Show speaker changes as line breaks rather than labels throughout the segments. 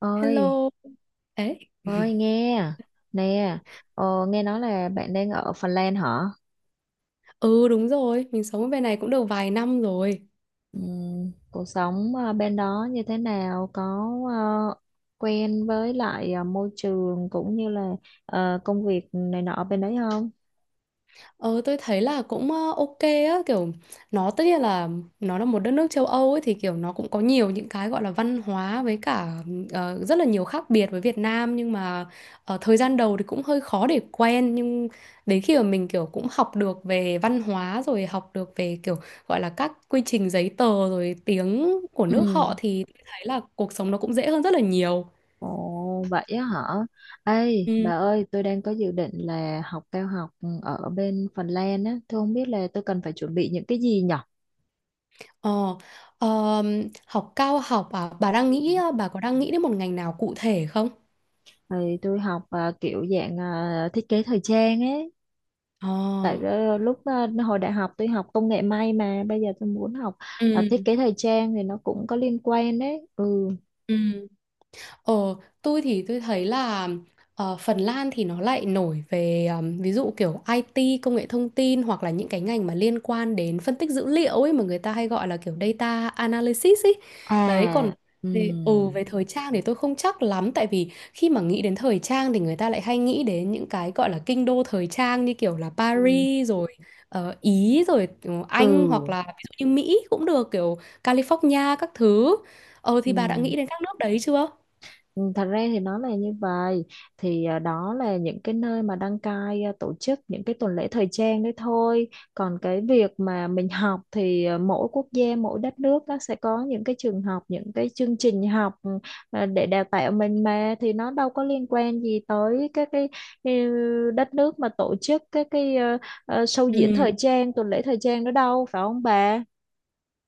Ơi?
Hello. Ấy.
Ơi, nghe nè. Nghe nói là bạn đang ở Phần Lan hả?
Ừ đúng rồi, mình sống ở bên này cũng được vài năm rồi.
Cuộc sống bên đó như thế nào, có ờ, quen với lại môi trường cũng như là công việc này nọ bên đấy không?
Ờ tôi thấy là cũng ok á, kiểu nó tất nhiên là nó là một đất nước châu Âu ấy thì kiểu nó cũng có nhiều những cái gọi là văn hóa với cả rất là nhiều khác biệt với Việt Nam, nhưng mà ở thời gian đầu thì cũng hơi khó để quen, nhưng đến khi mà mình kiểu cũng học được về văn hóa rồi học được về kiểu gọi là các quy trình giấy tờ rồi tiếng của nước
Ừ.
họ thì thấy là cuộc sống nó cũng dễ hơn rất là nhiều.
Ồ vậy á hả? Ê
Ừ.
bà ơi, tôi đang có dự định là học cao học ở bên Phần Lan á. Tôi không biết là tôi cần phải chuẩn bị những cái gì nhở?
Ờ, Học cao học à? Bà có đang nghĩ đến một ngành nào cụ thể không?
Thì tôi học kiểu dạng thiết kế thời trang ấy.
Ờ,
Tại lúc hồi đại học tôi học công nghệ may, mà bây giờ tôi muốn học thiết
ừ,
kế thời trang thì nó cũng có liên quan đấy. Ừ.
ừ. Ờ, tôi thì tôi thấy là Phần Lan thì nó lại nổi về ví dụ kiểu IT, công nghệ thông tin, hoặc là những cái ngành mà liên quan đến phân tích dữ liệu ấy mà người ta hay gọi là kiểu data analysis ấy. Đấy, còn
À.
về
Ừm.
ừ về thời trang thì tôi không chắc lắm, tại vì khi mà nghĩ đến thời trang thì người ta lại hay nghĩ đến những cái gọi là kinh đô thời trang như kiểu là
Ừ.
Paris rồi Ý rồi Anh, hoặc
Ừ.
là ví dụ như Mỹ cũng được, kiểu California các thứ.
Ừ.
Thì bà đã nghĩ đến các nước đấy chưa?
Ừ, thật ra thì nó là như vậy. Thì đó là những cái nơi mà đăng cai tổ chức những cái tuần lễ thời trang đấy thôi. Còn cái việc mà mình học thì mỗi quốc gia mỗi đất nước nó sẽ có những cái trường học, những cái chương trình học, để đào tạo mình, mà thì nó đâu có liên quan gì tới các cái đất nước mà tổ chức các cái show diễn
Ừm,
thời trang, tuần lễ thời trang đó đâu, phải không bà?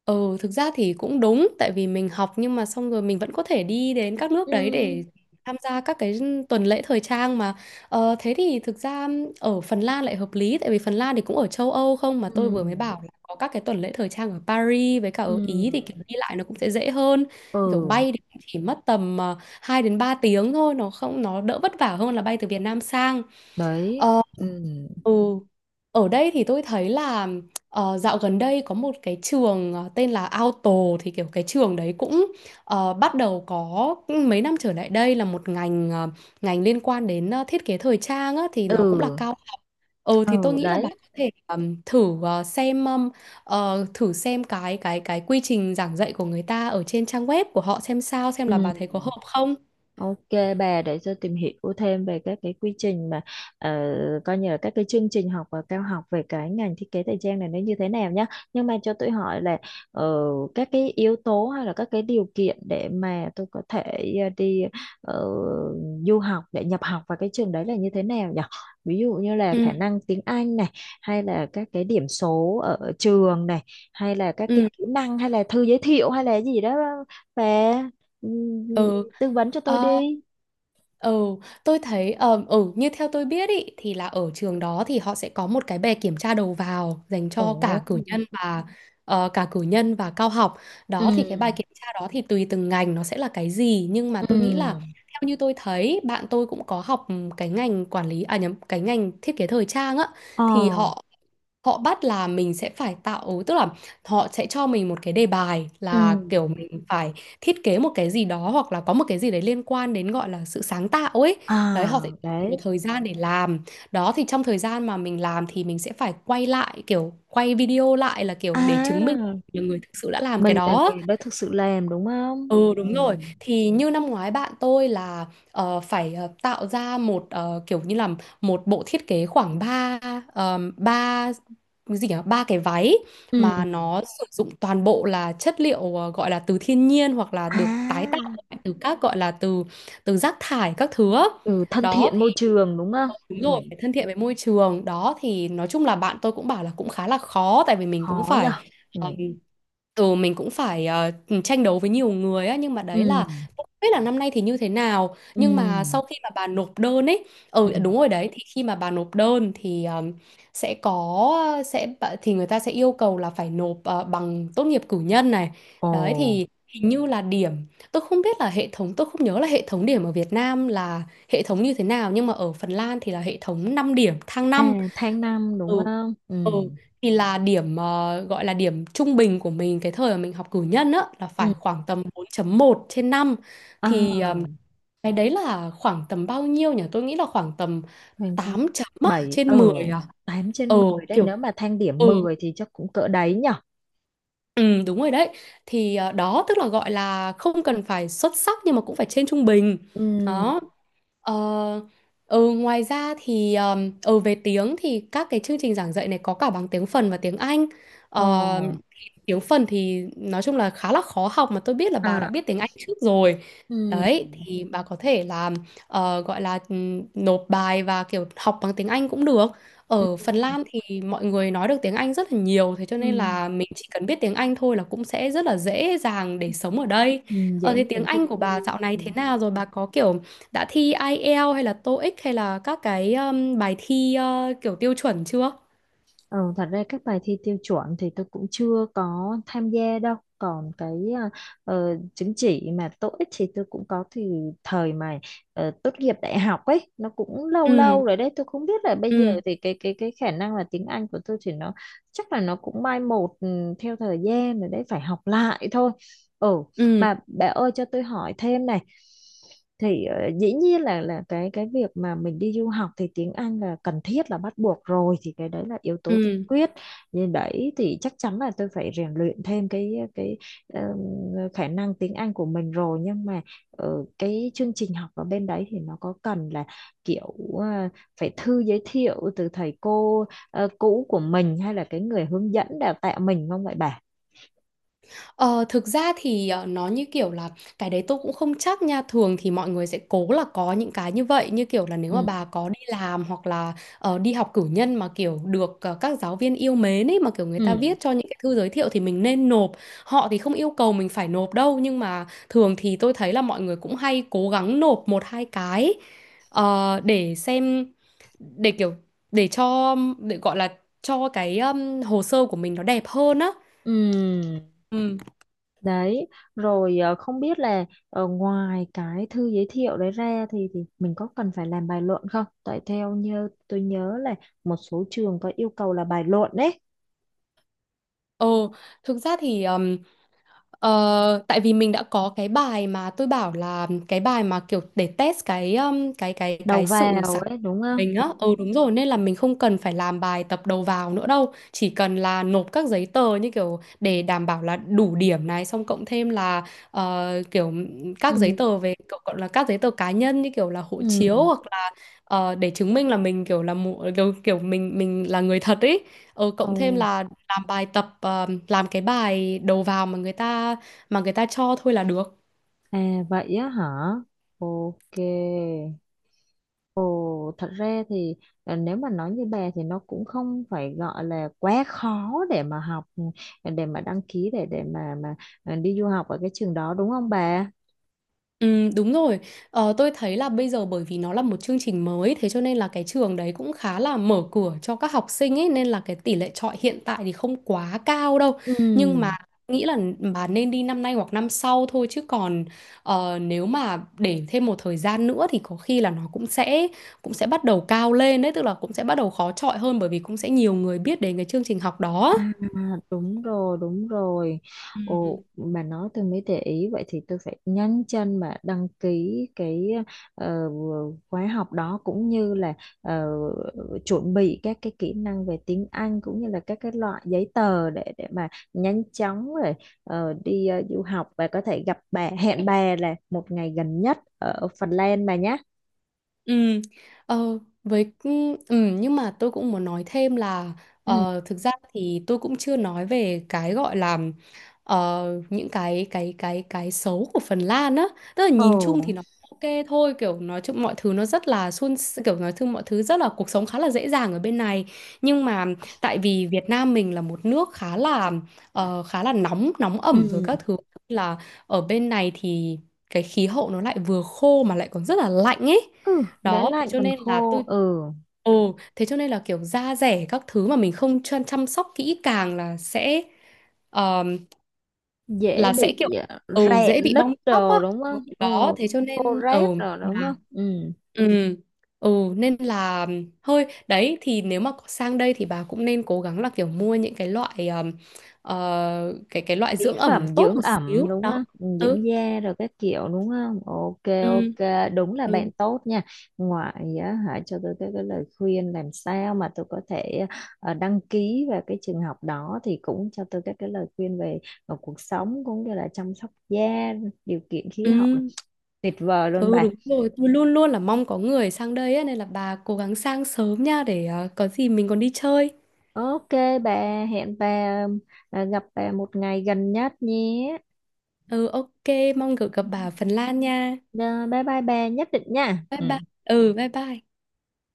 ừ, Thực ra thì cũng đúng, tại vì mình học nhưng mà xong rồi mình vẫn có thể đi đến các nước
Ừ.
đấy để tham gia các cái tuần lễ thời trang mà. Thế thì thực ra ở Phần Lan lại hợp lý, tại vì Phần Lan thì cũng ở châu Âu không mà
Ừ.
tôi vừa mới bảo là có các cái tuần lễ thời trang ở Paris với cả ở Ý thì kiểu
Ừ.
đi lại nó cũng sẽ dễ hơn. Kiểu
Ừ.
bay thì cũng chỉ mất tầm 2 đến 3 tiếng thôi, nó không, nó đỡ vất vả hơn là bay từ Việt Nam sang.
Đấy.
Ờ,
Ừ.
ừ. Ở đây thì tôi thấy là dạo gần đây có một cái trường tên là Auto, thì kiểu cái trường đấy cũng bắt đầu có mấy năm trở lại đây là một ngành ngành liên quan đến thiết kế thời trang á, thì nó cũng là
Ừ.
cao học. Ừ, thì tôi
Ừ
nghĩ là bạn
đấy.
có thể thử xem cái quy trình giảng dạy của người ta ở trên trang web của họ xem sao, xem
Ừ.
là bà thấy có hợp không.
Ok, bà để tôi tìm hiểu thêm về các cái quy trình mà ờ, coi như là các cái chương trình học và cao học về cái ngành thiết kế thời trang này, nó như thế nào nhá. Nhưng mà cho tôi hỏi là ờ, các cái yếu tố hay là các cái điều kiện để mà tôi có thể ờ, đi ờ, du học để nhập học vào cái trường đấy là như thế nào nhỉ? Ví dụ như là
Ừ.
khả năng tiếng Anh này, hay là các cái điểm số ở trường này, hay là các cái
Ừ.
kỹ năng, hay là thư giới thiệu, hay là gì đó, và
Ừ.
tư vấn cho tôi
Ờ.
đi.
Ừ, tôi thấy như theo tôi biết ý, thì là ở trường đó thì họ sẽ có một cái bài kiểm tra đầu vào dành cho
Ồ.
cả cử nhân và cao học.
Ừ.
Đó, thì cái bài kiểm tra đó thì tùy từng ngành nó sẽ là cái gì, nhưng mà tôi nghĩ là
Ừ.
theo như tôi thấy bạn tôi cũng có học cái ngành quản lý, à nhầm, cái ngành thiết kế thời trang á,
Ờ.
thì họ họ bắt là mình sẽ phải tạo, tức là họ sẽ cho mình một cái đề bài
Ừ.
là kiểu mình phải thiết kế một cái gì đó, hoặc là có một cái gì đấy liên quan đến gọi là sự sáng tạo ấy, đấy họ sẽ
À,
cho mình một
đấy.
thời gian để làm, đó thì trong thời gian mà mình làm thì mình sẽ phải quay lại, kiểu quay video lại là kiểu để chứng minh là
À
nhiều người thực sự đã làm cái
mình là
đó.
người đã thực sự làm, đúng không?
Ừ đúng
Ừ.
rồi, thì như năm ngoái bạn tôi là phải tạo ra một kiểu như là một bộ thiết kế khoảng ba ba cái gì nhỉ, ba cái váy mà
Ừ.
nó sử dụng toàn bộ là chất liệu gọi là từ thiên nhiên, hoặc là
À.
được tái tạo lại từ các gọi là từ từ rác thải các thứ á.
Ừ, thân
Đó
thiện môi
thì
trường đúng không?
đúng rồi,
Ừ.
phải thân thiện với môi trường, đó thì nói chung là bạn tôi cũng bảo là cũng khá là khó, tại vì mình cũng
Khó nhở.
phải.
Ừ.
Ừ, mình cũng phải tranh đấu với nhiều người á, nhưng mà đấy
Ừ.
là không biết là năm nay thì như thế nào,
Ừ.
nhưng mà sau khi mà bà nộp đơn ấy.
Ừ.
Ừ đúng rồi đấy, thì khi mà bà nộp đơn thì sẽ có sẽ bà- thì người ta sẽ yêu cầu là phải nộp bằng tốt nghiệp cử nhân này,
Ồ.
đấy thì hình như là điểm, tôi không biết là hệ thống, tôi không nhớ là hệ thống điểm ở Việt Nam là hệ thống như thế nào, nhưng mà ở Phần Lan thì là hệ thống 5 điểm, thang
À,
năm.
tháng năm đúng
Ừ.
không? Ừ.
Ừ. Thì là điểm gọi là điểm trung bình của mình cái thời mà mình học cử nhân á là phải
Ừ.
khoảng tầm 4,1 trên năm, thì
À,
cái đấy là khoảng tầm bao nhiêu nhỉ? Tôi nghĩ là khoảng tầm
tháng năm.
8 chấm á,
Bảy ở
trên 10 à.
tám trên
Ờ
10 đấy, nếu
Kiểu
mà thang điểm
ừ,
mười thì chắc cũng cỡ đấy nhỉ.
ừ đúng rồi đấy. Thì đó tức là gọi là không cần phải xuất sắc nhưng mà cũng phải trên trung bình.
Ừm.
Đó. Ờ, Ngoài ra thì về tiếng thì các cái chương trình giảng dạy này có cả bằng tiếng phần và tiếng Anh. Ờ,
Ồ.
thì tiếng phần thì nói chung là khá là khó học, mà tôi biết là bà đã
À.
biết tiếng Anh trước rồi.
Ừm.
Đấy, thì bà có thể là gọi là nộp bài và kiểu học bằng tiếng Anh cũng được. Ở
Ừm.
Phần Lan thì mọi người nói được tiếng Anh rất là nhiều, thế cho nên
Ừm.
là mình chỉ cần biết tiếng Anh thôi là cũng sẽ rất là dễ dàng để sống ở đây.
Ừm, dễ
Thế tiếng
dàng thích
Anh của bà
nghi.
dạo này
Ừ.
thế nào rồi? Bà có kiểu đã thi IELTS hay là TOEIC hay là các cái bài thi kiểu tiêu chuẩn chưa?
Ờ, thật ra các bài thi tiêu chuẩn thì tôi cũng chưa có tham gia đâu. Còn cái chứng chỉ mà TOEIC thì tôi cũng có, thì thời mà tốt nghiệp đại học ấy nó cũng lâu
Ừ.
lâu rồi đấy. Tôi không biết là bây giờ
Ừ.
thì cái khả năng là tiếng Anh của tôi thì nó chắc là nó cũng mai một theo thời gian rồi đấy, phải học lại thôi. Ừ,
Ừ.
mà bà ơi cho tôi hỏi thêm này, thì dĩ nhiên là cái việc mà mình đi du học thì tiếng Anh là cần thiết, là bắt buộc rồi, thì cái đấy là yếu tố tiên
Ừ.
quyết. Nhưng đấy thì chắc chắn là tôi phải rèn luyện thêm cái ờm, khả năng tiếng Anh của mình rồi, nhưng mà cái chương trình học ở bên đấy thì nó có cần là kiểu ờ, phải thư giới thiệu từ thầy cô cũ của mình hay là cái người hướng dẫn đào tạo mình không vậy bà?
Ờ, Thực ra thì nó như kiểu là cái đấy tôi cũng không chắc nha, thường thì mọi người sẽ cố là có những cái như vậy, như kiểu là nếu mà
Ừ.
bà có đi làm hoặc là đi học cử nhân mà kiểu được các giáo viên yêu mến ấy mà kiểu người ta
Ừ.
viết cho những cái thư giới thiệu thì mình nên nộp, họ thì không yêu cầu mình phải nộp đâu, nhưng mà thường thì tôi thấy là mọi người cũng hay cố gắng nộp một hai cái ờ, để xem để kiểu để cho, để gọi là cho cái hồ sơ của mình nó đẹp hơn á.
Ừ.
Ừ.
Đấy, rồi không biết là ngoài cái thư giới thiệu đấy ra thì mình có cần phải làm bài luận không? Tại theo như tôi nhớ là một số trường có yêu cầu là bài luận đấy,
Ồ, thực ra thì tại vì mình đã có cái bài mà tôi bảo là cái bài mà kiểu để test cái ừm, cái cái
đầu
cái sự
vào
sáng tạo
ấy đúng
của
không?
mình á. Ừ đúng rồi, nên là mình không cần phải làm bài tập đầu vào nữa đâu, chỉ cần là nộp các giấy tờ như kiểu để đảm bảo là đủ điểm này, xong cộng thêm là kiểu
Ừ.
các giấy tờ về cậu, gọi là các giấy tờ cá nhân như kiểu là hộ
Ừ.
chiếu, hoặc để chứng minh là mình kiểu là mu- kiểu, kiểu mình là người thật ấy,
Ồ.
cộng thêm là làm cái bài đầu vào mà người ta cho thôi là được.
À vậy á hả? Ok. Ồ, thật ra thì nếu mà nói như bà thì nó cũng không phải gọi là quá khó để mà học, để mà đăng ký, để mà đi du học ở cái trường đó đúng không bà?
Ừ, đúng rồi. Tôi thấy là bây giờ bởi vì nó là một chương trình mới, thế cho nên là cái trường đấy cũng khá là mở cửa cho các học sinh ấy, nên là cái tỷ lệ chọi hiện tại thì không quá cao đâu.
Ừ,
Nhưng mà nghĩ là bà nên đi năm nay hoặc năm sau thôi, chứ còn nếu mà để thêm một thời gian nữa thì có khi là nó cũng sẽ bắt đầu cao lên đấy, tức là cũng sẽ bắt đầu khó chọi hơn bởi vì cũng sẽ nhiều người biết đến cái chương trình học đó.
à, đúng rồi, đúng rồi.
Ừ.
Ồ, bà nói tôi mới để ý, vậy thì tôi phải nhanh chân mà đăng ký cái ờ, khóa học đó, cũng như là ờ, chuẩn bị các cái kỹ năng về tiếng Anh cũng như là các cái loại giấy tờ để mà nhanh chóng rồi du học, và có thể gặp bà, hẹn bà là một ngày gần nhất ở Phần Lan bà nhé.
Ừ, ờ, với ừ, ừ, nhưng mà tôi cũng muốn nói thêm là
Ừ.
thực ra thì tôi cũng chưa nói về cái gọi là những cái xấu của Phần Lan á, tức là nhìn
Ồ.
chung thì nó ok thôi, kiểu nói chung mọi thứ nó rất là suôn s- kiểu nói chung mọi thứ rất là, cuộc sống khá là dễ dàng ở bên này, nhưng mà tại vì Việt Nam mình là một nước khá là khá là nóng, nóng
Ừ.
ẩm rồi các thứ, là ở bên này thì cái khí hậu nó lại vừa khô mà lại còn rất là lạnh ấy,
Ừ, đã
đó thế
lạnh
cho
còn
nên là
khô,
tôi,
ừ.
ồ thế cho nên là kiểu da dẻ các thứ mà mình không chăm chăm sóc kỹ càng ờm,
Dễ
là sẽ
bị
kiểu
à,
ừ
rạn
dễ bị
nứt
bong tóc á.
đồ đúng
Ừ,
không? Ừ.
đó thế cho
Khô
nên
ráp
ừ
rồi đúng không?
là
Ừ.
ừ ừ nên là thôi, đấy thì nếu mà có sang đây thì bà cũng nên cố gắng là kiểu mua những cái loại ờ, cái loại
Mỹ
dưỡng ẩm nó
phẩm
tốt
dưỡng
một
ẩm
xíu
đúng
đó.
không? Ừ,
Ừ.
dưỡng da rồi các kiểu đúng không? Ok,
Ừ.
ok, đúng là
Ừ.
bạn tốt nha. Ngoại á, hãy cho tôi cái lời khuyên làm sao mà tôi có thể đăng ký vào cái trường học đó, thì cũng cho tôi các cái lời khuyên về cuộc sống cũng như là chăm sóc da, điều kiện khí hậu.
Ừ.
Tuyệt vời luôn
Ừ
bà.
đúng rồi, tôi luôn luôn là mong có người sang đây á, nên là bà cố gắng sang sớm nha để có gì mình còn đi chơi.
Ok, bà hẹn bà, à, gặp bà một ngày gần nhất nhé.
Ừ ok, mong được gặp bà ở Phần Lan nha.
Rồi, bye bye bà, nhất định nha.
Bye bye.
Ừ.
Ừ bye bye.